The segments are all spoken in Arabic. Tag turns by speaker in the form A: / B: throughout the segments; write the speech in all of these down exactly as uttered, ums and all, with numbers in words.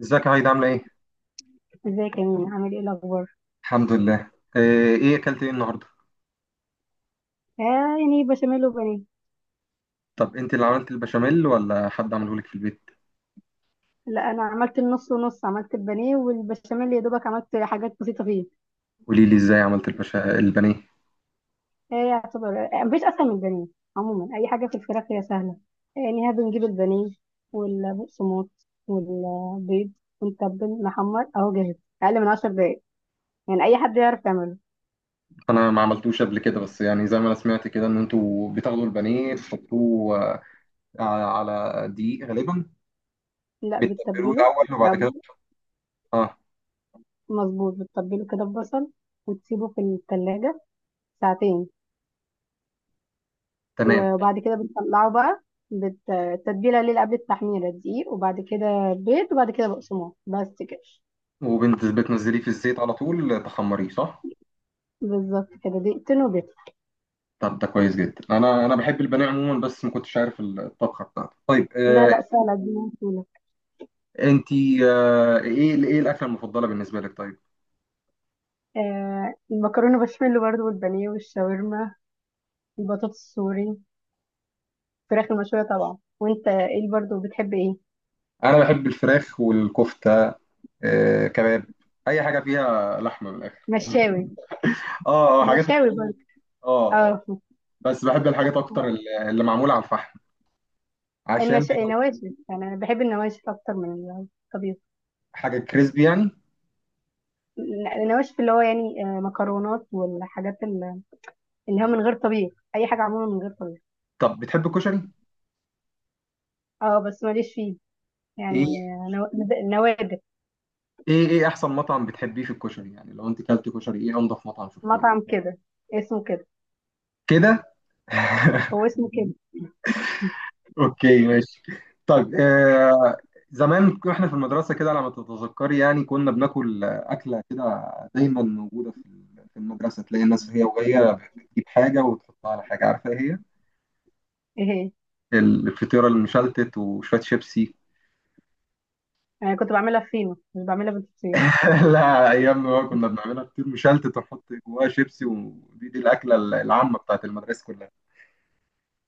A: ازيك يا عايدة عاملة ايه؟
B: ازيك يا مين؟ عامل ايه الاخبار؟
A: الحمد لله. آه، ايه اكلت ايه النهاردة؟
B: آه، يعني بشاميل وبانيه.
A: طب انت اللي عملت البشاميل ولا حد عمله لك في البيت؟
B: لا، انا عملت النص، ونص عملت البانيه والبشاميل، يا دوبك عملت حاجات بسيطه فيه.
A: قولي لي ازاي عملت البشا... البانيه.
B: آه، يعتبر، آه، مفيش اسهل من البانيه. عموما اي حاجه في الفراخ هي سهله. آه، يعني ها بنجيب البانيه، والبقسماط، والبيض، ونتبل نحمر اهو جاهز، اقل من عشر دقايق. يعني اي حد يعرف يعمله.
A: انا ما عملتوش قبل كده بس يعني زي ما انا سمعت كده ان انتوا بتاخدوا البانيه تحطوه آه، على على دقيق غالبا.
B: لا،
A: بتتبلوه
B: بتتبله.
A: الاول وبعد
B: آه،
A: كده. اه
B: مظبوط، بتتبله كده ببصل، وتسيبه في التلاجة ساعتين.
A: تمام.
B: وبعد كده بنطلعه بقى، بت- التتبيلة الليلة قبل التحميرة دقيق، وبعد كده بيض، وبعد كده بقسماط، بس كده.
A: وبتنزليه في الزيت على طول تخمريه صح؟
B: بالظبط كده، دقيقتين وبيطلع.
A: طب ده كويس جدا، انا انا بحب البانيه عموما بس ما كنتش عارف الطبخة بتاعته. طيب
B: لا
A: آه،
B: لا، سهلة، دي موصولة.
A: انت. آه، ايه ايه الاكلة المفضلة بالنسبة لك طيب؟
B: آه، المكرونة بشاميل برضو، والبانيه، والشاورما، البطاطس السوري، الفراخ المشوية طبعا. وانت ايه برضو؟ بتحب ايه؟
A: انا بحب الفراخ والكفته. آه، كباب، اي حاجه فيها لحمه من الاخر.
B: مشاوي،
A: اه اه، حاجات
B: ومشاوي
A: اللحوم.
B: برضو.
A: اه اه.
B: اه.
A: بس بحب الحاجات اكتر اللي اللي معموله على الفحم، عشان
B: النش...
A: بيبقى
B: النواشف، يعني انا بحب النواشف اكتر من الطبيخ.
A: حاجه كريسبي يعني.
B: النواشف، اللي هو يعني، آه، مكرونات والحاجات، اللي هو من غير طبيخ، اي حاجه عموما من غير طبيخ.
A: طب بتحب الكشري؟
B: اه بس ماليش فيه، يعني،
A: ايه؟
B: نو- نوادر.
A: ايه ايه احسن مطعم بتحبيه في الكشري؟ يعني لو انت كلت كشري ايه انضف مطعم شفتيه؟
B: مطعم كده اسمه كده.
A: كده.
B: هو اسمه كده.
A: اوكي ماشي. طيب آه زمان كنا احنا في المدرسه كده على ما تتذكري، يعني كنا بناكل آه، اكله كده دايما موجوده في ال- في المدرسه. تلاقي الناس هي وهي بتجيب حاجه وتحطها على حاجه، عارفه ايه هي؟
B: ايه هي؟
A: الفطيره المشلتت وشويه شيبسي.
B: انا كنت بعملها فينو، مش بعملها بالفطير.
A: لا، ايام ما كنا بنعملها فطير مشلتت ونحط جواها شيبسي، ودي دي الاكله العامه بتاعت المدرسه كلها.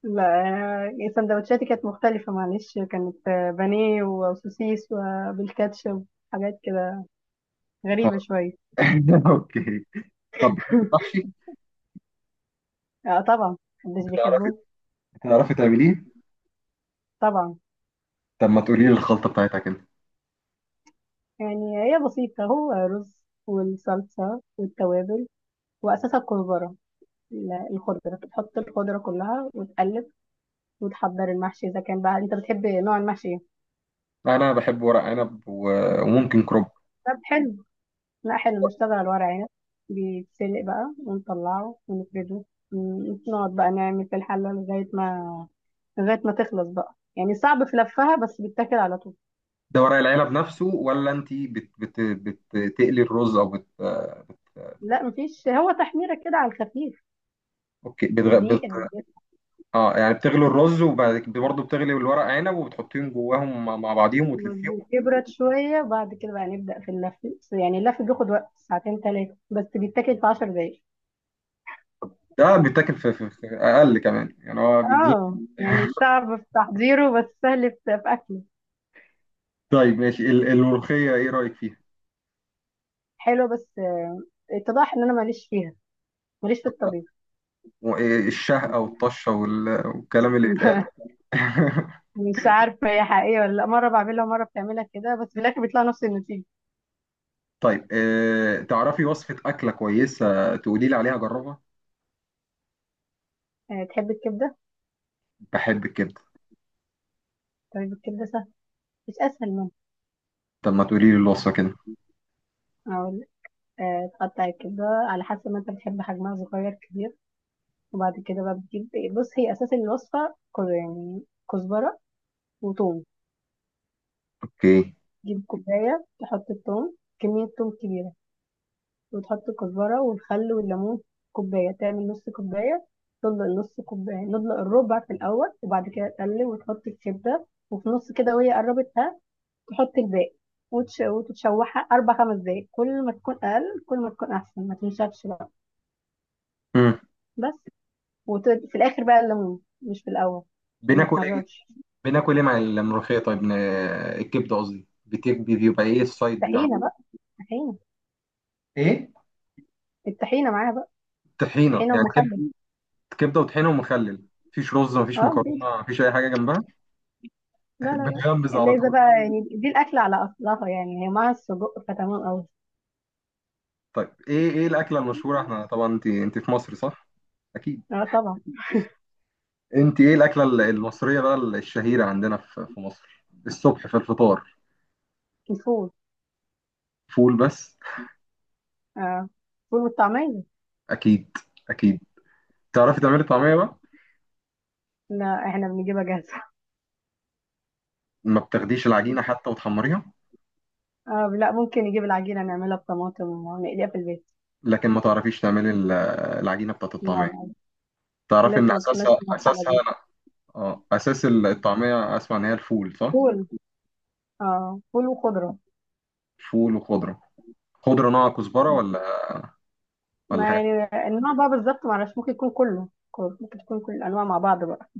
B: لا، آه، سندوتشاتي كانت مختلفه معلش، كانت آه، بانيه وسوسيس وبالكاتشب، حاجات كده،
A: طب.
B: غريبه شويه.
A: اوكي. طب بتحب المحشي؟
B: اه طبعا. محدش
A: بتعرفي
B: بيحبه.
A: بتعرفي تعمليه؟
B: طبعا.
A: طب ما تقولي لي الخلطه بتاعتها كده.
B: يعني هي بسيطة، هو رز والصلصة والتوابل، وأساسها الكزبرة. ال- الخضرة، تحط الخضرة كلها وتقلب، وتحضر المحشي. إذا كان بقى أنت بتحب نوع المحشي إيه؟
A: لا انا بحب ورق عنب و- وممكن كرنب.
B: طب حلو، لا حلو، نشتغل على الورق عنب. بيتسلق بقى، ونطلعه، ونفرده، م- نقعد بقى نعمل في الحلة لغاية ما، لغاية ما تخلص بقى. يعني صعب في لفها، بس بيتاكل على طول.
A: ده ورق العنب نفسه، ولا انت بت بت بتقلي الرز، او بت
B: لا مفيش، هو تحميرة كده على الخفيف.
A: اوكي. بتغ... بت...
B: دقيقة.
A: اه يعني بتغلي الرز وبعد كده برضه بتغلي الورق عنب وبتحطيهم جواهم مع مع بعضيهم وتلفيهم.
B: مظبوط، يبرد شوية وبعد كده بقى نبدأ في اللف. يعني اللف بياخد وقت ساعتين تلاتة، بس بيتاكل في عشر دقايق.
A: ده بيتاكل في, في, في اقل كمان، يعني هو بيدي.
B: اه يعني صعب في تحضيره، بس سهل في في اكله.
A: طيب ماشي، ال- الملوخيه ايه رايك فيها؟
B: حلو، بس آه، اتضح ان انا ماليش فيها، ماليش في الطبيخ.
A: وإيه الشهقه والطشه وال- والكلام اللي بيتقال؟
B: مش عارفه هي حقيقيه ولا لا، مره بعملها ومره بتعملها كده، بس في الاخر بيطلع نفس النتيجه.
A: طيب آه، تعرفي وصفه اكله كويسه تقولي لي عليها جربها؟
B: آه، تحب الكبده؟
A: بحب الكبده.
B: طيب، الكبده سهل، مش اسهل منها.
A: طب ما تقولي لي الوصفة كده.
B: اقول، آه، تقطع الكبده على حسب ما انت بتحب حجمها، صغير كبير. وبعد كده بقى بتجيب، بص هي اساس الوصفه، كو- يعني كزبره وتوم.
A: اوكي.
B: تجيب كوبايه، تحط التوم، كميه توم كبيره، وتحط الكزبرة والخل والليمون في كوباية، تعمل نص كوباية، تدلق نص كوباية، ندلق الربع في الأول، وبعد كده تقلب وتحط الكبدة، وفي نص كده وهي قربت ها، تحط الباقي. وتش... وتتشوحها أربع خمس دقايق، كل ما تكون أقل كل ما تكون أحسن، ما تنشفش بقى.
A: امم
B: بس. وفي الآخر بقى الليمون، مش في الأول، عشان ما
A: بناكل ايه؟
B: تمررش.
A: بناكل ايه مع الملوخية طيب ن- الكبدة قصدي، بتك- بيبقى ايه السايد بتاعها؟
B: طحينة بقى، طحينة.
A: ايه؟
B: الطحينة معاها بقى،
A: طحينة
B: طحينة
A: يعني كبدة؟
B: ومخلل.
A: كبدة وطحينة ومخلل، مفيش رز مفيش
B: اه مفيش.
A: مكرونة مفيش أي حاجة جنبها؟
B: لا لا لا.
A: بتغمز على
B: اللي إذا
A: طول.
B: بقى يعني دي الأكلة على أصلها، يعني هي مع السجق فتمام أوي.
A: طيب ايه ايه الأكلة المشهورة؟ احنا طبعا انت انت في مصر صح؟ أكيد.
B: اه طبعا.
A: انت ايه الأكلة ال- المصرية بقى ال- الشهيرة عندنا في في مصر الصبح في الفطار؟
B: الفول.
A: فول بس؟
B: اه، الفول والطعمية.
A: أكيد أكيد. تعرفي تعملي طعمية بقى؟
B: لا، احنا بنجيبها جاهزة.
A: ما بتاخديش العجينة حتى وتحمريها؟
B: اه لا، ممكن نجيب العجينة، نعملها بطماطم، ونقليها في البيت.
A: لكن ما تعرفيش تعملي ال- العجينه بتاعت الطعميه؟
B: لا. لا،
A: تعرفي ان
B: لسه ما دخلناش
A: اساسها
B: المرحلة
A: اساسها
B: دي.
A: انا. اه اساس الطعميه اسمع ان هي الفول، صح؟
B: فول، اه فول وخضرة.
A: فول وخضره. خضره نوع كزبره ولا ولا
B: ما
A: حاجه؟
B: يعني النوع بقى بالظبط معرفش، ممكن يكون كله كله، ممكن تكون كل الأنواع مع بعض بقى.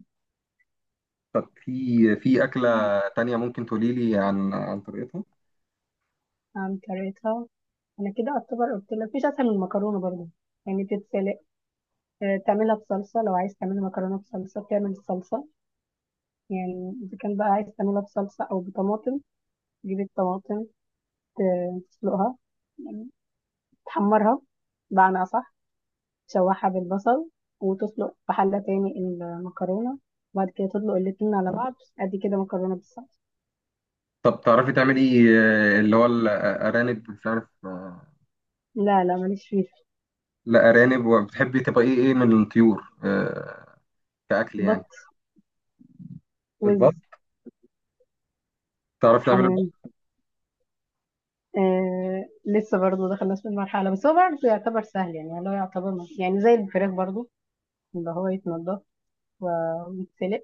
A: طب في. في اكله تانية ممكن تقولي لي عن عن طريقتها؟
B: قام كريتها. انا كده اعتبر قلت لك مفيش اسهل من المكرونه برضه. يعني بتتسلق، آه، تعملها بصلصه. لو عايز تعمل مكرونه بصلصه، بتعمل الصلصه، يعني اذا كان بقى عايز تعملها بصلصه او بطماطم، تجيب الطماطم، ت- تسلقها، يعني تحمرها بمعنى أصح، تشوحها بالبصل، وتسلق في حلة تاني المكرونة، وبعد كده تطلق الاتنين على بعض. أدي كده مكرونة بالصلصة.
A: طب تعرفي تعملي آه، اللي هو الارانب؟ مش عارف. آه،
B: لا لا، ماليش فيه.
A: لا ارانب. وبتحبي تبقى ايه ايه من الطيور آه، كاكل
B: بط،
A: يعني؟
B: وز،
A: البط؟ تعرفي تعملي البط؟
B: حمام. آه، لسه برضه دخلناش في المرحلة، بس هو برضه يعتبر سهل، يعني اللي هو يعتبر، مش- يعني زي الفراخ برضه، اللي هو يتنضف و- ويتسلق،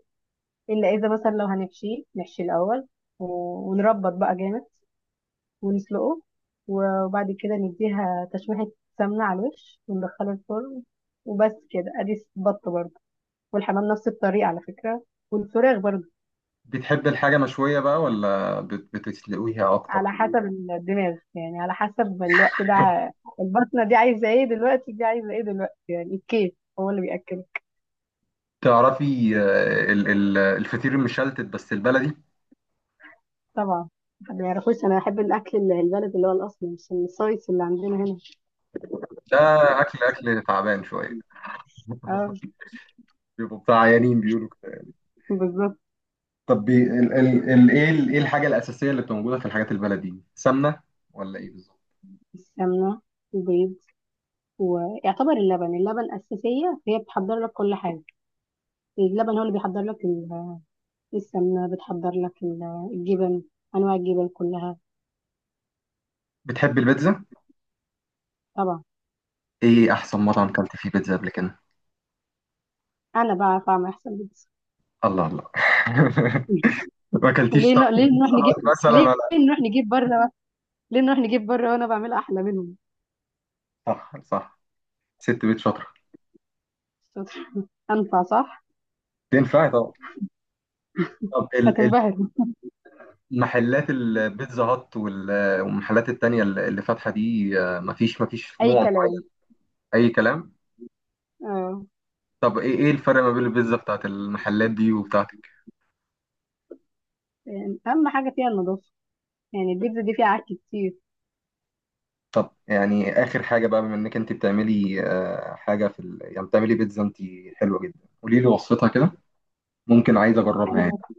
B: إلا إذا مثلا لو هنحشيه، نحشي الأول، و- ونربط بقى جامد، ونسلقه، وبعد كده نديها تشويحة سمنة على الوش، وندخله الفرن، وبس كده، ادي بط برضه. والحمام نفس الطريقة على فكرة، والفراخ برضه.
A: بتحبي الحاجه مشويه بقى ولا بت- بتسلقيها اكتر؟
B: على حسب الدماغ، يعني على حسب الوقت ده، البطنة دي عايزة ايه دلوقتي، دي عايزة ايه دلوقتي، يعني الكيف هو اللي بيأكله.
A: تعرفي آه، ال- ال- الفطير المشلتت بس البلدي؟
B: طبعا، ما يعرفوش، انا بحب الاكل ال- البلد، اللي هو الاصلي، مش الصيص اللي عندنا هنا.
A: ده اكل اكل تعبان شويه.
B: اه،
A: بيبقوا بتاع عيانين بيقولوا كده.
B: بالظبط.
A: طب بي- ال ال ال ايه ال- ايه الحاجه الاساسيه اللي بتبقى موجوده في الحاجات البلدي، سمنه ولا ايه بالظبط؟
B: السمنه، وبيض، ويعتبر اللبن، اللبن اساسيه، فهي بتحضر لك كل حاجه. اللبن هو اللي بيحضر لك ال- السمنة، بتحضر لك ال- الجبن، أنواع الجبن كلها.
A: بتحب البيتزا؟
B: طبعا.
A: ايه احسن مطعم كلت فيه بيتزا قبل كده؟
B: أنا بعرف أعمل أحسن بيتزا.
A: الله الله. ما اكلتيش
B: ليه ن...
A: طبعا
B: ليه نروح
A: بيتزا
B: نجيب،
A: هات مثلا
B: ليه
A: ولا؟
B: نروح نجيب بره، ليه نروح نجيب بره وأنا بعمل أحلى منهم.
A: صح صح. ست بيت شاطره.
B: أنفع صح؟
A: تنفع طبعا. طب ال-
B: هتنبهر.
A: المحلات البيتزا هات وال- والمحلات التانية اللي اللي فاتحة دي، آه، مفيش مفيش
B: أي
A: نوع؟
B: كلام.
A: اي كلام.
B: اه.
A: طب ايه ايه الفرق ما بين البيتزا بتاعت المحلات دي وبتاعتك؟
B: يعني أهم حاجة فيها النظافة، يعني البيتزا دي فيها عك كتير.
A: طب يعني اخر حاجه بقى، بما انك انت بتعملي آه، حاجه في ال... يعني بتعملي بيتزا انت حلوه جدا، قولي لي وصفتها كده. ممكن عايز اجربها يعني.
B: عايز،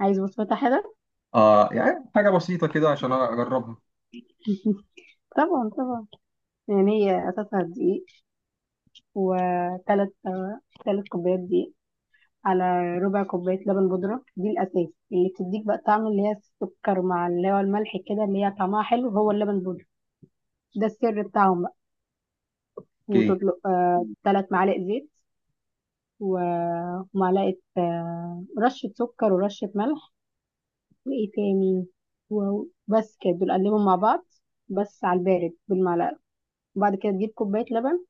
B: عايز بسمتها حلوة.
A: اه يعني حاجه بسيطه كده عشان اجربها.
B: طبعا طبعا. يعني هي أساسها دقيق، وثلاث ثلاث كوبايات دقيق، على ربع كوباية لبن بودرة. دي الأساس اللي بتديك بقى طعم، اللي هي السكر مع اللي هو الملح كده، اللي هي طعمها حلو هو اللبن بودرة، ده السر بتاعهم بقى.
A: اوكي.
B: وتطلق آه تلات معالق زيت و- ومعلقة، آه رشة سكر ورشة ملح، وإيه تاني، وبس كده. دول قلبهم مع بعض، بس على البارد بالمعلقة، وبعد كده تجيب كوباية لبن،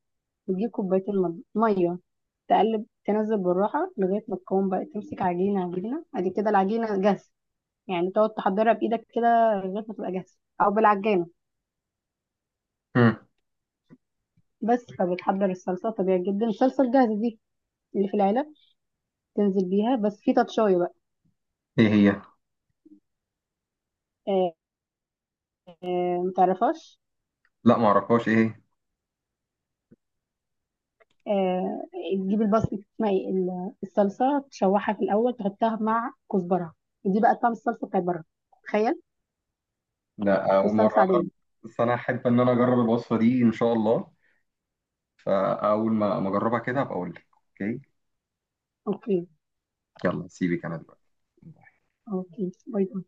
B: وتجيب كوبايتين مض- مية. تقلب، تنزل بالراحة، لغاية ما تكون بقى تمسك عجينة، عجينة، ادي كده العجينة جاهزة. يعني تقعد تحضرها بايدك كده لغايه ما تبقى جاهزه، او بالعجانه.
A: هم.
B: بس فبتحضر الصلصه طبيعي جدا، الصلصه الجاهزه دي اللي في العلب، تنزل بيها، بس في تاتشاي بقى.
A: ايه هي؟
B: آه. متعرفاش؟
A: لا ما اعرفهاش، ايه هي؟
B: آه، تجيب البصل اسمها ايه ال- الصلصه، تشوحها في الاول، تحطها مع كزبره. دي بقى طعم الصلصه بتاعت بره، تخيل.
A: لا
B: دي
A: اول مره
B: صلصه
A: أعرف.
B: عاديه.
A: بس انا احب ان انا اجرب الوصفه دي ان شاء الله، فاول ما ما اجربها كده هبقى اقول لك. اوكي.
B: اوكي.
A: يلا سيبك انا دلوقتي.
B: اوكي، باي باي.